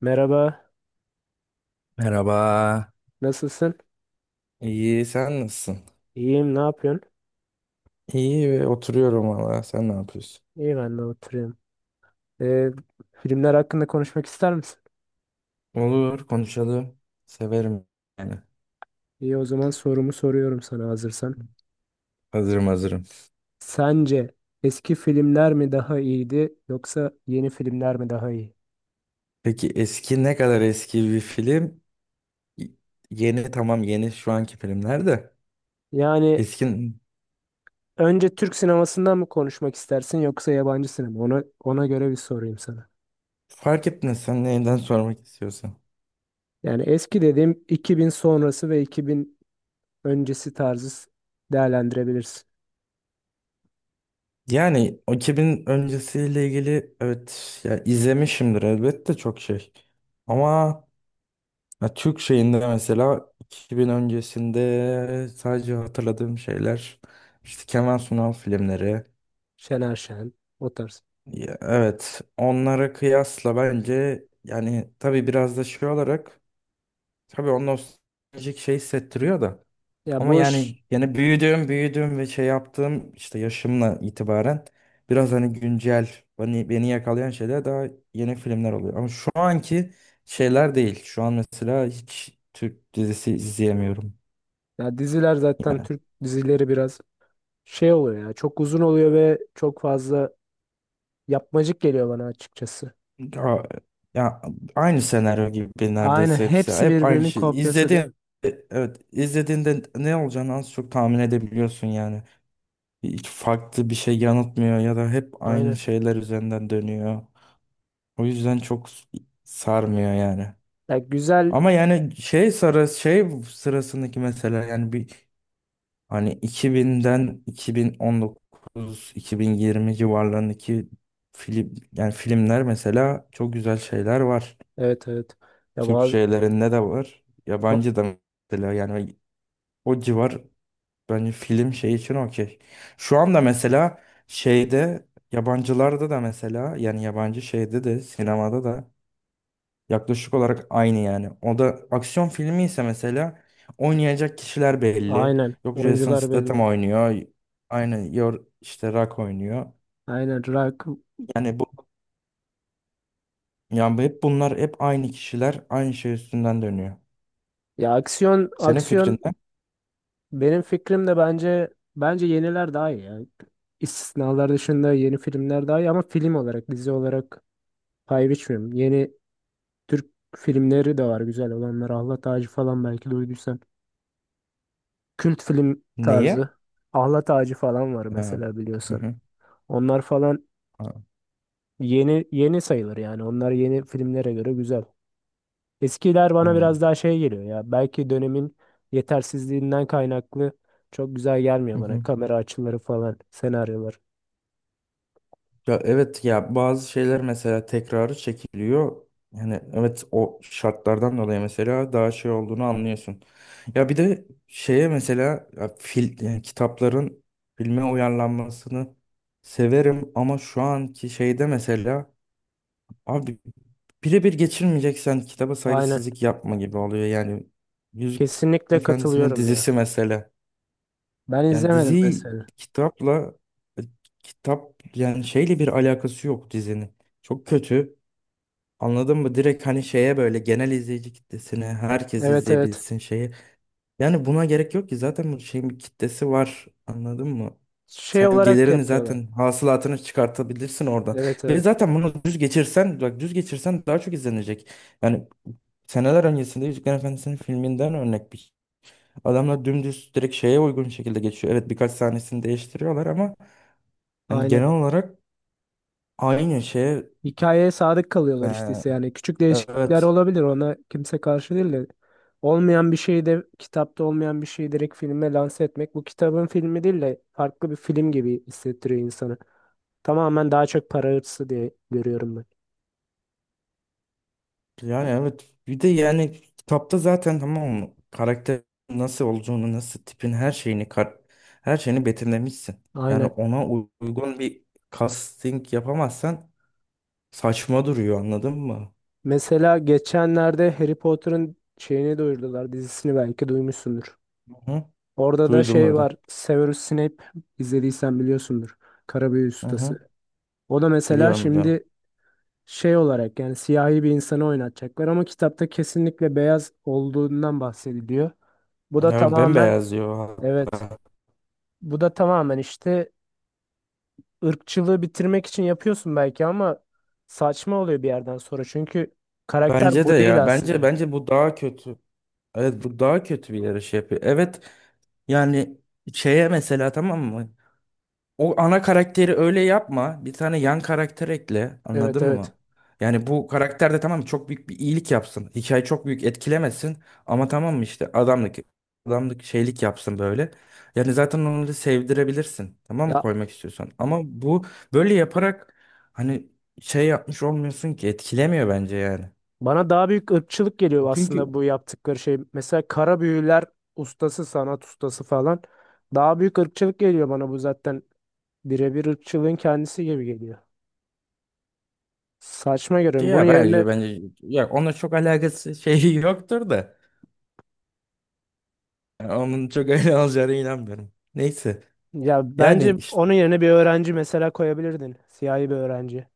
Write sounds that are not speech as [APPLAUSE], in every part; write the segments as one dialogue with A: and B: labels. A: Merhaba,
B: Merhaba.
A: nasılsın?
B: İyi, sen nasılsın?
A: İyiyim, ne yapıyorsun?
B: İyi ve oturuyorum valla. Sen ne yapıyorsun?
A: İyi, ben de oturuyorum. Ee, Filmler hakkında konuşmak ister misin?
B: Olur, konuşalım. Severim yani.
A: İyi, o zaman sorumu soruyorum sana hazırsan.
B: Hazırım, hazırım.
A: Sence eski filmler mi daha iyiydi yoksa yeni filmler mi daha iyi?
B: Peki eski ne kadar eski bir film? Y- Yeni, tamam, yeni şu anki filmler de.
A: Yani
B: Eski
A: önce Türk sinemasından mı konuşmak istersin yoksa yabancı sinema? Ona göre bir sorayım sana.
B: fark etmez, sen neyden sormak istiyorsan.
A: Yani eski dediğim 2000 sonrası ve 2000 öncesi tarzı değerlendirebilirsin.
B: Yani o 2000 öncesiyle ilgili, evet ya, izlemişimdir elbette çok şey. Ama ya Türk şeyinde mesela 2000 öncesinde sadece hatırladığım şeyler işte Kemal Sunal filmleri.
A: Şener Şen, o tarz.
B: Ya evet, onlara kıyasla bence, yani tabii biraz da şey olarak, tabii o nostaljik şey hissettiriyor da,
A: Ya
B: ama
A: boş
B: yani büyüdüğüm ve şey yaptığım, işte yaşımla itibaren biraz hani güncel, beni yakalayan şeyler daha yeni filmler oluyor. Ama şu anki şeyler değil. Şu an mesela hiç Türk dizisi izleyemiyorum.
A: Ya, diziler zaten Türk dizileri biraz şey oluyor ya. Çok uzun oluyor ve çok fazla yapmacık geliyor bana açıkçası.
B: Ya, ya, aynı senaryo gibi
A: Aynen,
B: neredeyse hepsi.
A: hepsi
B: Hep aynı
A: birbirinin
B: şey.
A: kopyası değil mi?
B: Evet, izlediğinde ne olacağını az çok tahmin edebiliyorsun yani. Hiç farklı bir şey yanıtmıyor ya da hep aynı
A: Aynen.
B: şeyler üzerinden dönüyor. O yüzden çok sarmıyor yani.
A: Ya, güzel.
B: Ama yani şey sarı şey sırasındaki mesela, yani bir hani 2000'den 2019, 2020 civarlarındaki film, yani filmler mesela çok güzel şeyler var.
A: Evet, evet. Ya
B: Türk
A: bazı
B: şeylerinde de var.
A: ba-
B: Yabancı da mesela, yani o civar bence film şey için okey. Şu anda mesela şeyde, yabancılarda da mesela, yani yabancı şeyde de, sinemada da yaklaşık olarak aynı yani. O da aksiyon filmi ise mesela oynayacak kişiler belli.
A: aynen,
B: Yok, Jason
A: oyuncular
B: Statham
A: belli.
B: oynuyor. Aynı yor, işte Rock oynuyor.
A: Aynen, Rock.
B: Yani bu yani hep bunlar, hep aynı kişiler aynı şey üstünden dönüyor.
A: Ya aksiyon
B: Senin
A: aksiyon
B: fikrinde
A: Benim fikrim de, bence yeniler daha iyi yani. İstisnalar dışında yeni filmler daha iyi ama film olarak dizi olarak pay biçmiyorum. Yeni Türk filmleri de var, güzel olanlar. Ahlat Ağacı falan, belki duyduysan. Kült film tarzı.
B: neye?
A: Ahlat Ağacı falan var
B: Ha.
A: mesela, biliyorsan. Onlar falan
B: Ha,
A: yeni yeni sayılır yani. Onlar yeni filmlere göre güzel. Eskiler bana
B: aynen.
A: biraz daha şey geliyor ya. Belki dönemin yetersizliğinden kaynaklı çok güzel
B: Hı
A: gelmiyor bana.
B: hı.
A: Kamera açıları falan, senaryolar.
B: Ya evet ya, bazı şeyler mesela tekrarı çekiliyor. Yani evet, o şartlardan dolayı mesela daha şey olduğunu anlıyorsun. Ya bir de şeye mesela ya, yani kitapların filme uyarlanmasını severim, ama şu anki şeyde mesela abi, birebir geçirmeyeceksen kitaba
A: Aynen.
B: saygısızlık yapma gibi oluyor. Yani Yüzük
A: Kesinlikle
B: Efendisi'nin
A: katılıyorum ya.
B: dizisi mesela.
A: Ben
B: Yani
A: izlemedim
B: diziyi
A: mesela.
B: kitapla, e, kitap, yani şeyle bir alakası yok dizinin. Çok kötü. Anladın mı? Direkt hani şeye böyle genel izleyici kitlesine herkes
A: Evet, evet.
B: izleyebilsin şeyi. Yani buna gerek yok ki, zaten bu şeyin bir kitlesi var. Anladın mı?
A: Şey
B: Sen
A: olarak
B: gelirini
A: yapıyorlar.
B: zaten hasılatını çıkartabilirsin oradan.
A: Evet,
B: Ve
A: evet.
B: zaten bunu düz geçirsen, bak düz geçirsen daha çok izlenecek. Yani seneler öncesinde Yüzüklerin Efendisi'nin filminden örnek bir, adamlar dümdüz direkt şeye uygun şekilde geçiyor. Evet, birkaç sahnesini değiştiriyorlar ama yani
A: Aynen.
B: genel olarak aynı şeye,
A: Hikayeye sadık kalıyorlar işte, ise
B: e,
A: yani küçük değişiklikler
B: evet.
A: olabilir, ona kimse karşı değil de olmayan bir şeyi de kitapta olmayan bir şeyi direkt filme lanse etmek bu kitabın filmi değil de farklı bir film gibi hissettiriyor insanı. Tamamen daha çok para hırsı diye görüyorum ben.
B: Yani evet, bir de yani kitapta zaten, tamam mı, karakter nasıl olduğunu, nasıl tipin her şeyini her şeyini betimlemişsin. Yani
A: Aynen.
B: ona uygun bir casting yapamazsan saçma duruyor, anladın mı?
A: Mesela geçenlerde Harry Potter'ın şeyini duyurdular, dizisini belki duymuşsundur.
B: Hı hı.
A: Orada da
B: Duydum,
A: şey
B: dedim.
A: var, Severus Snape, izlediysen biliyorsundur. Karabüyü
B: Hı hı.
A: Ustası. O da mesela
B: Biliyorum, biliyorum.
A: şimdi şey olarak yani siyahi bir insanı oynatacaklar ama kitapta kesinlikle beyaz olduğundan bahsediliyor. Bu da
B: Evet,
A: tamamen
B: bembeyaz diyor
A: evet
B: hatta.
A: bu da tamamen işte ırkçılığı bitirmek için yapıyorsun belki ama saçma oluyor bir yerden sonra çünkü karakter
B: Bence de
A: bu değil
B: ya. Bence
A: aslında.
B: bence bu daha kötü. Evet, bu daha kötü bir yarış yapıyor. Evet yani şeye mesela, tamam mı? O ana karakteri öyle yapma. Bir tane yan karakter ekle.
A: Evet,
B: Anladın
A: evet.
B: mı? Yani bu karakter de, tamam mı, çok büyük bir iyilik yapsın. Hikaye çok büyük etkilemesin. Ama tamam mı işte, adamlık şeylik yapsın böyle. Yani zaten onu da sevdirebilirsin, tamam mı,
A: Ya,
B: koymak istiyorsan. Ama bu böyle yaparak hani şey yapmış olmuyorsun ki, etkilemiyor bence yani.
A: bana daha büyük ırkçılık geliyor
B: Çünkü
A: aslında bu yaptıkları şey. Mesela kara büyüler ustası, sanat ustası falan. Daha büyük ırkçılık geliyor bana, bu zaten birebir ırkçılığın kendisi gibi geliyor. Saçma görüyorum. Bunun
B: ya bence
A: yerine
B: bence ya onunla çok alakası [LAUGHS] şeyi yoktur da. Yani onun çok öyle olacağına inanmıyorum. Neyse.
A: ya
B: Yani
A: bence
B: işte
A: onun yerine bir öğrenci mesela koyabilirdin. Siyahi bir öğrenci.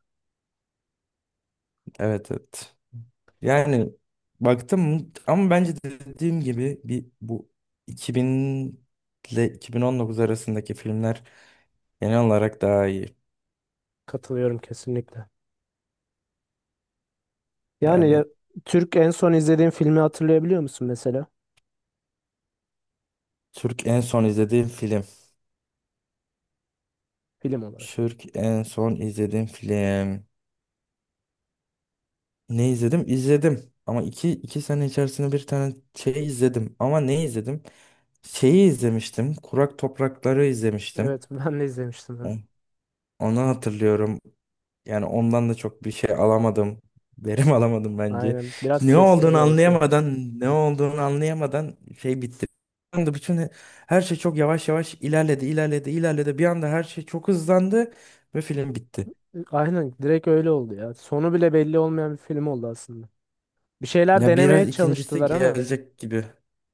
B: evet, evet. Yani baktım, ama bence dediğim gibi bir bu 2000 ile 2019 arasındaki filmler genel olarak daha iyi.
A: Katılıyorum kesinlikle. Yani ya,
B: Yani
A: Türk en son izlediğin filmi hatırlayabiliyor musun mesela?
B: Türk en son izlediğim film.
A: Film olarak.
B: Türk en son izlediğim film. Ne izledim? İzledim. Ama 2 sene içerisinde bir tane şey izledim. Ama ne izledim? Şeyi izlemiştim. Kurak Toprakları izlemiştim.
A: Evet, ben de izlemiştim onu.
B: O- Onu hatırlıyorum. Yani ondan da çok bir şey alamadım. Verim [LAUGHS] alamadım bence.
A: Aynen. Biraz
B: Ne
A: sessiz
B: olduğunu
A: bir havası.
B: anlayamadan, ne olduğunu anlayamadan şey bitti. Bir anda bütün her şey çok yavaş yavaş ilerledi, ilerledi, ilerledi. Bir anda her şey çok hızlandı ve film bitti.
A: Aynen, direkt öyle oldu ya. Sonu bile belli olmayan bir film oldu aslında. Bir şeyler
B: Ya
A: denemeye
B: biraz ikincisi
A: çalıştılar ama
B: gelecek gibi.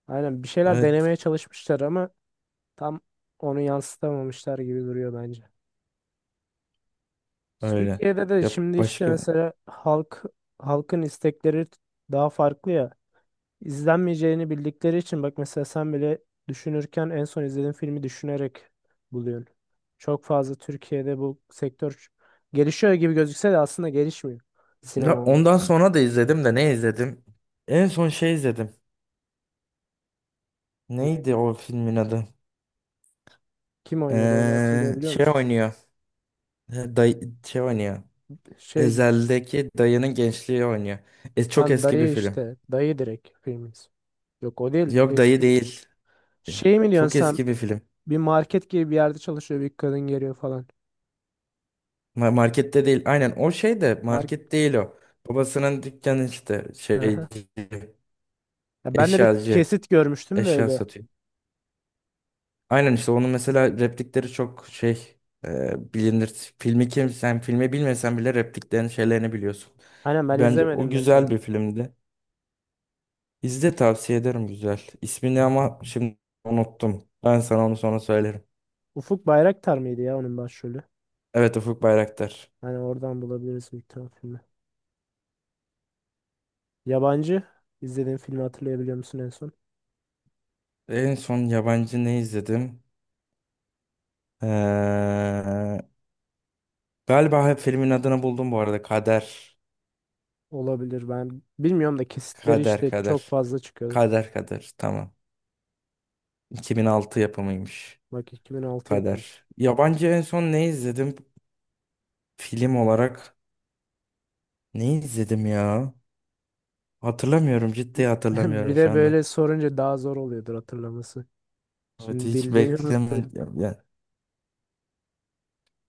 A: aynen bir şeyler
B: Evet,
A: denemeye çalışmışlar ama tam onu yansıtamamışlar gibi duruyor bence.
B: öyle.
A: Türkiye'de de
B: Ya
A: şimdi işte
B: başka.
A: mesela halkın istekleri daha farklı ya. İzlenmeyeceğini bildikleri için, bak mesela sen bile düşünürken en son izlediğin filmi düşünerek buluyorsun. Çok fazla Türkiye'de bu sektör gelişiyor gibi gözükse de aslında gelişmiyor.
B: Ya
A: Sinema olma.
B: ondan sonra da izledim de, ne izledim? En son şey izledim. Neydi o filmin adı?
A: Kim oynuyordu, onu hatırlayabiliyor
B: Şey
A: musun?
B: oynuyor. Day şey oynuyor.
A: Şey,
B: Ezel'deki dayının gençliği oynuyor. E, çok
A: lan
B: eski bir
A: dayı
B: film.
A: işte. Dayı direkt filmimiz. Yok, o değil
B: Yok, dayı
A: eski.
B: değil.
A: Şey mi
B: Çok
A: diyorsun sen?
B: eski bir film.
A: Bir market gibi bir yerde çalışıyor, bir kadın geliyor falan.
B: Markette değil. Aynen o şey de
A: Mark
B: market değil o. Babasının dükkanı işte şeyci,
A: Ya, ben de bir
B: eşyacı,
A: kesit görmüştüm de
B: eşya
A: öyle.
B: satıyor. Aynen işte onun mesela replikleri çok şey, bilinir. Filmi kim sen filmi bilmesen bile repliklerin şeylerini biliyorsun.
A: Aynen, ben
B: Bence o
A: izlemedim mesela.
B: güzel bir filmdi. İzle, tavsiye ederim, güzel. İsmini ama şimdi unuttum. Ben sana onu sonra söylerim.
A: Ufuk Bayraktar mıydı ya onun başrolü?
B: Evet, Ufuk Bayraktar.
A: Hani oradan bulabiliriz bir tane filmi. Yabancı izlediğin filmi hatırlayabiliyor musun en son?
B: En son yabancı ne izledim? Ee, galiba hep filmin adını buldum bu arada. Kader.
A: Olabilir, ben bilmiyorum da kesitleri
B: Kader,
A: işte çok
B: Kader.
A: fazla çıkıyordu.
B: Kader, Kader, tamam. 2006 yapımıymış.
A: Bak, 2006 yapımı.
B: Kader. Yabancı en son ne izledim? Film olarak ne izledim ya? Hatırlamıyorum, ciddi
A: Bir, [LAUGHS]
B: hatırlamıyorum
A: bir
B: şu
A: de
B: anda.
A: böyle sorunca daha zor oluyordur hatırlaması.
B: Evet,
A: Şimdi
B: hiç
A: bildiğini unutturuyor.
B: beklemedim.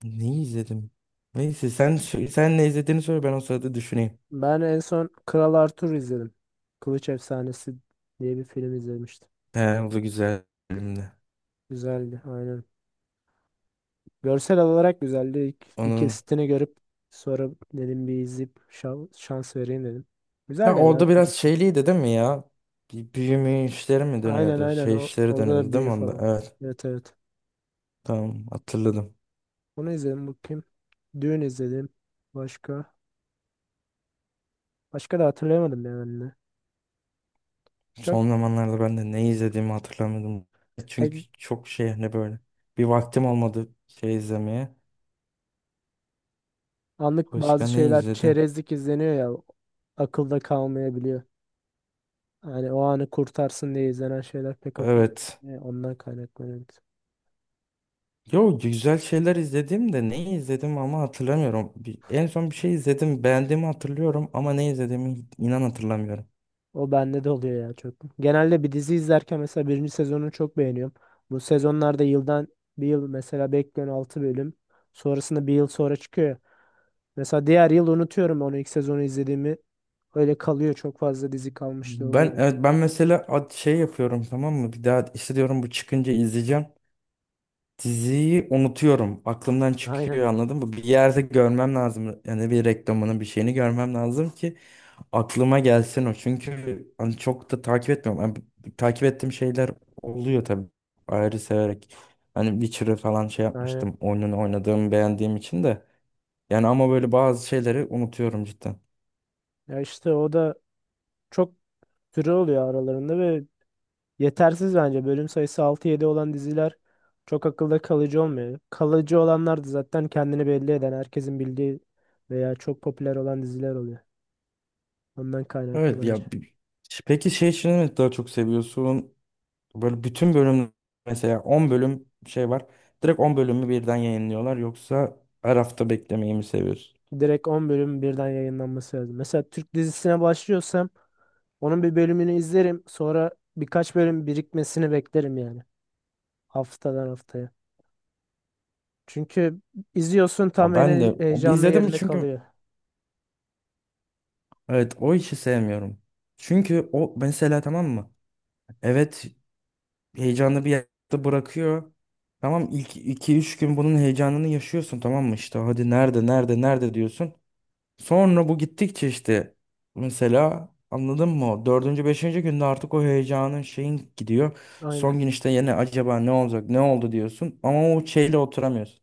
B: Neyi izledim? Neyse, sen ne izlediğini söyle, ben o sırada düşüneyim.
A: Ben en son Kral Arthur izledim. Kılıç Efsanesi diye bir film izlemiştim.
B: He, bu güzel filmdi.
A: Güzeldi aynen. Görsel olarak güzeldi. İlk bir
B: Onu,
A: kesitini görüp sonra dedim bir izleyip şans vereyim dedim.
B: ya
A: Güzel, yani
B: orada biraz
A: akıcı.
B: şeyliydi değil mi ya? Bir büyüme işleri mi
A: Aynen,
B: dönüyordu?
A: aynen.
B: Şey işleri
A: Orada
B: dönüyordu
A: da
B: değil
A: büyü
B: mi onda?
A: falan.
B: Evet,
A: Evet, evet.
B: tamam, hatırladım.
A: Onu izledim bakayım. Düğün izledim. Başka? Başka da hatırlayamadım ya ben de. Çok
B: Son zamanlarda ben de ne izlediğimi hatırlamıyordum. Çünkü
A: e,
B: çok şey hani böyle bir vaktim olmadı şey izlemeye.
A: anlık bazı
B: Başka ne
A: şeyler
B: izledim?
A: çerezlik izleniyor ya. Akılda kalmayabiliyor. Yani o anı kurtarsın diye izlenen şeyler pek akılda
B: Evet.
A: kalmıyor. Ondan kaynaklanıyor.
B: Yo, güzel şeyler izledim de neyi izledim ama hatırlamıyorum. En son bir şey izledim, beğendiğimi hatırlıyorum ama ne izlediğimi inan hatırlamıyorum.
A: O bende de oluyor ya, çok. Genelde bir dizi izlerken mesela birinci sezonu çok beğeniyorum. Bu sezonlarda yıldan bir yıl mesela bekliyorum 6 bölüm. Sonrasında bir yıl sonra çıkıyor ya. Mesela diğer yıl unutuyorum onu, ilk sezonu izlediğimi. Öyle kalıyor, çok fazla dizi kalmıştı
B: Ben
A: oluyor.
B: evet, ben mesela şey yapıyorum, tamam mı? Bir daha işte diyorum, bu çıkınca izleyeceğim. Diziyi unutuyorum. Aklımdan
A: Aynen.
B: çıkıyor, anladın mı? Bir yerde görmem lazım. Yani bir reklamını, bir şeyini görmem lazım ki aklıma gelsin o. Çünkü hani çok da takip etmiyorum. Hani takip ettiğim şeyler oluyor tabii. Ayrı severek. Hani Witcher'ı falan şey
A: Aynen.
B: yapmıştım. Oyununu oynadığım, beğendiğim için de. Yani ama böyle bazı şeyleri unutuyorum cidden.
A: Ya işte o da çok süre oluyor aralarında ve yetersiz bence. Bölüm sayısı 6-7 olan diziler çok akılda kalıcı olmuyor. Kalıcı olanlar da zaten kendini belli eden, herkesin bildiği veya çok popüler olan diziler oluyor. Ondan kaynaklı
B: Evet
A: bence.
B: ya, peki şey için mi daha çok seviyorsun? Böyle bütün bölüm, mesela 10 bölüm şey var. Direkt 10 bölümü birden yayınlıyorlar. Yoksa her hafta beklemeyi mi seviyorsun?
A: Direkt 10 bölüm birden yayınlanması lazım. Mesela Türk dizisine başlıyorsam onun bir bölümünü izlerim. Sonra birkaç bölüm birikmesini beklerim yani. Haftadan haftaya. Çünkü izliyorsun,
B: Ya
A: tam
B: ben
A: en
B: de bir
A: heyecanlı
B: izledim,
A: yerinde
B: çünkü
A: kalıyor.
B: evet, o işi sevmiyorum. Çünkü o mesela, tamam mı? Evet, heyecanlı bir yerde bırakıyor. Tamam, ilk iki üç gün bunun heyecanını yaşıyorsun, tamam mı? İşte hadi nerede, nerede, nerede diyorsun. Sonra bu gittikçe işte mesela, anladın mı, o dördüncü, beşinci günde artık o heyecanın şeyin gidiyor.
A: Aynen.
B: Son gün işte yine acaba ne olacak, ne oldu diyorsun. Ama o şeyle oturamıyorsun.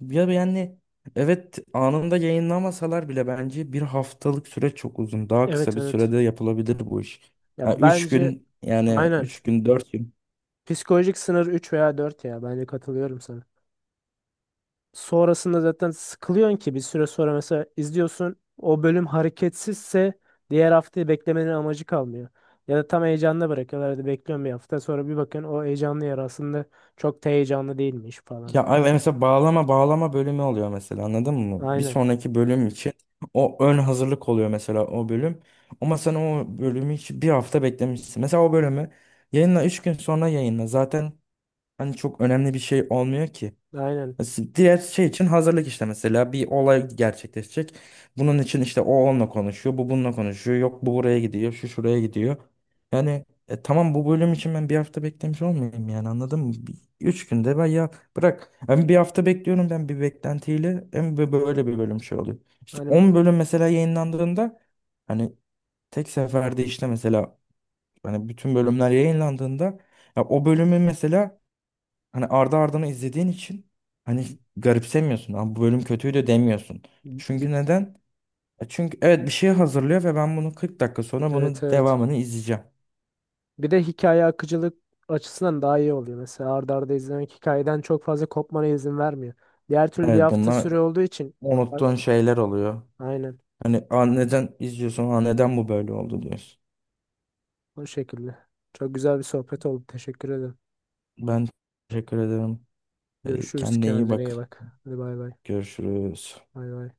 B: Ya yani evet, anında yayınlamasalar bile bence bir haftalık süre çok uzun. Daha kısa
A: Evet,
B: bir
A: evet.
B: sürede yapılabilir bu iş.
A: Ya
B: Yani üç
A: bence
B: gün
A: aynen.
B: 4 gün.
A: Psikolojik sınır 3 veya 4 ya. Bence katılıyorum sana. Sonrasında zaten sıkılıyorsun ki bir süre sonra mesela izliyorsun, o bölüm hareketsizse diğer haftayı beklemenin amacı kalmıyor. Ya da tam heyecanla bırakıyorlar. Hadi bekliyorum bir hafta sonra, bir bakın o heyecanlı yer aslında çok da heyecanlı değilmiş falan.
B: Ya mesela bağlama bağlama bölümü oluyor mesela, anladın mı? Bir
A: Aynen.
B: sonraki bölüm için o ön hazırlık oluyor mesela o bölüm. Ama sen o bölümü hiç bir hafta beklemişsin. Mesela o bölümü yayınla, 3 gün sonra yayınla. Zaten hani çok önemli bir şey olmuyor ki.
A: Aynen.
B: Diğer şey için hazırlık, işte mesela bir olay gerçekleşecek. Bunun için işte o onunla konuşuyor, bu bununla konuşuyor. Yok bu buraya gidiyor, şu şuraya gidiyor. Yani tamam, bu bölüm için ben bir hafta beklemiş olmayayım yani, anladın mı? 3 günde ben ya bırak. Hem bir hafta bekliyorum ben bir beklentiyle, hem böyle bir bölüm şey oluyor. İşte
A: Hani
B: 10 bölüm mesela yayınlandığında, hani tek seferde işte mesela hani bütün bölümler yayınlandığında, ya o bölümü mesela hani ardı ardına izlediğin için hani garipsemiyorsun. Abi bu bölüm kötüydü demiyorsun.
A: bir,
B: Çünkü neden? E, çünkü evet bir şey hazırlıyor ve ben bunu 40 dakika sonra
A: evet,
B: bunun
A: evet.
B: devamını izleyeceğim.
A: Bir de hikaye akıcılık açısından daha iyi oluyor. Mesela arda arda izlemek hikayeden çok fazla kopmana izin vermiyor. Diğer türlü bir
B: Evet,
A: hafta
B: bunlar
A: süre olduğu için. A-
B: unuttuğun şeyler oluyor.
A: aynen.
B: Hani, "Aa, neden izliyorsun? Aa, neden bu böyle oldu," diyorsun.
A: O şekilde. Çok güzel bir sohbet oldu. Teşekkür ederim.
B: Ben teşekkür ederim. E,
A: Görüşürüz.
B: kendine iyi
A: Kendine
B: bak.
A: iyi bak. Hadi bay bay.
B: Görüşürüz.
A: Bay bay.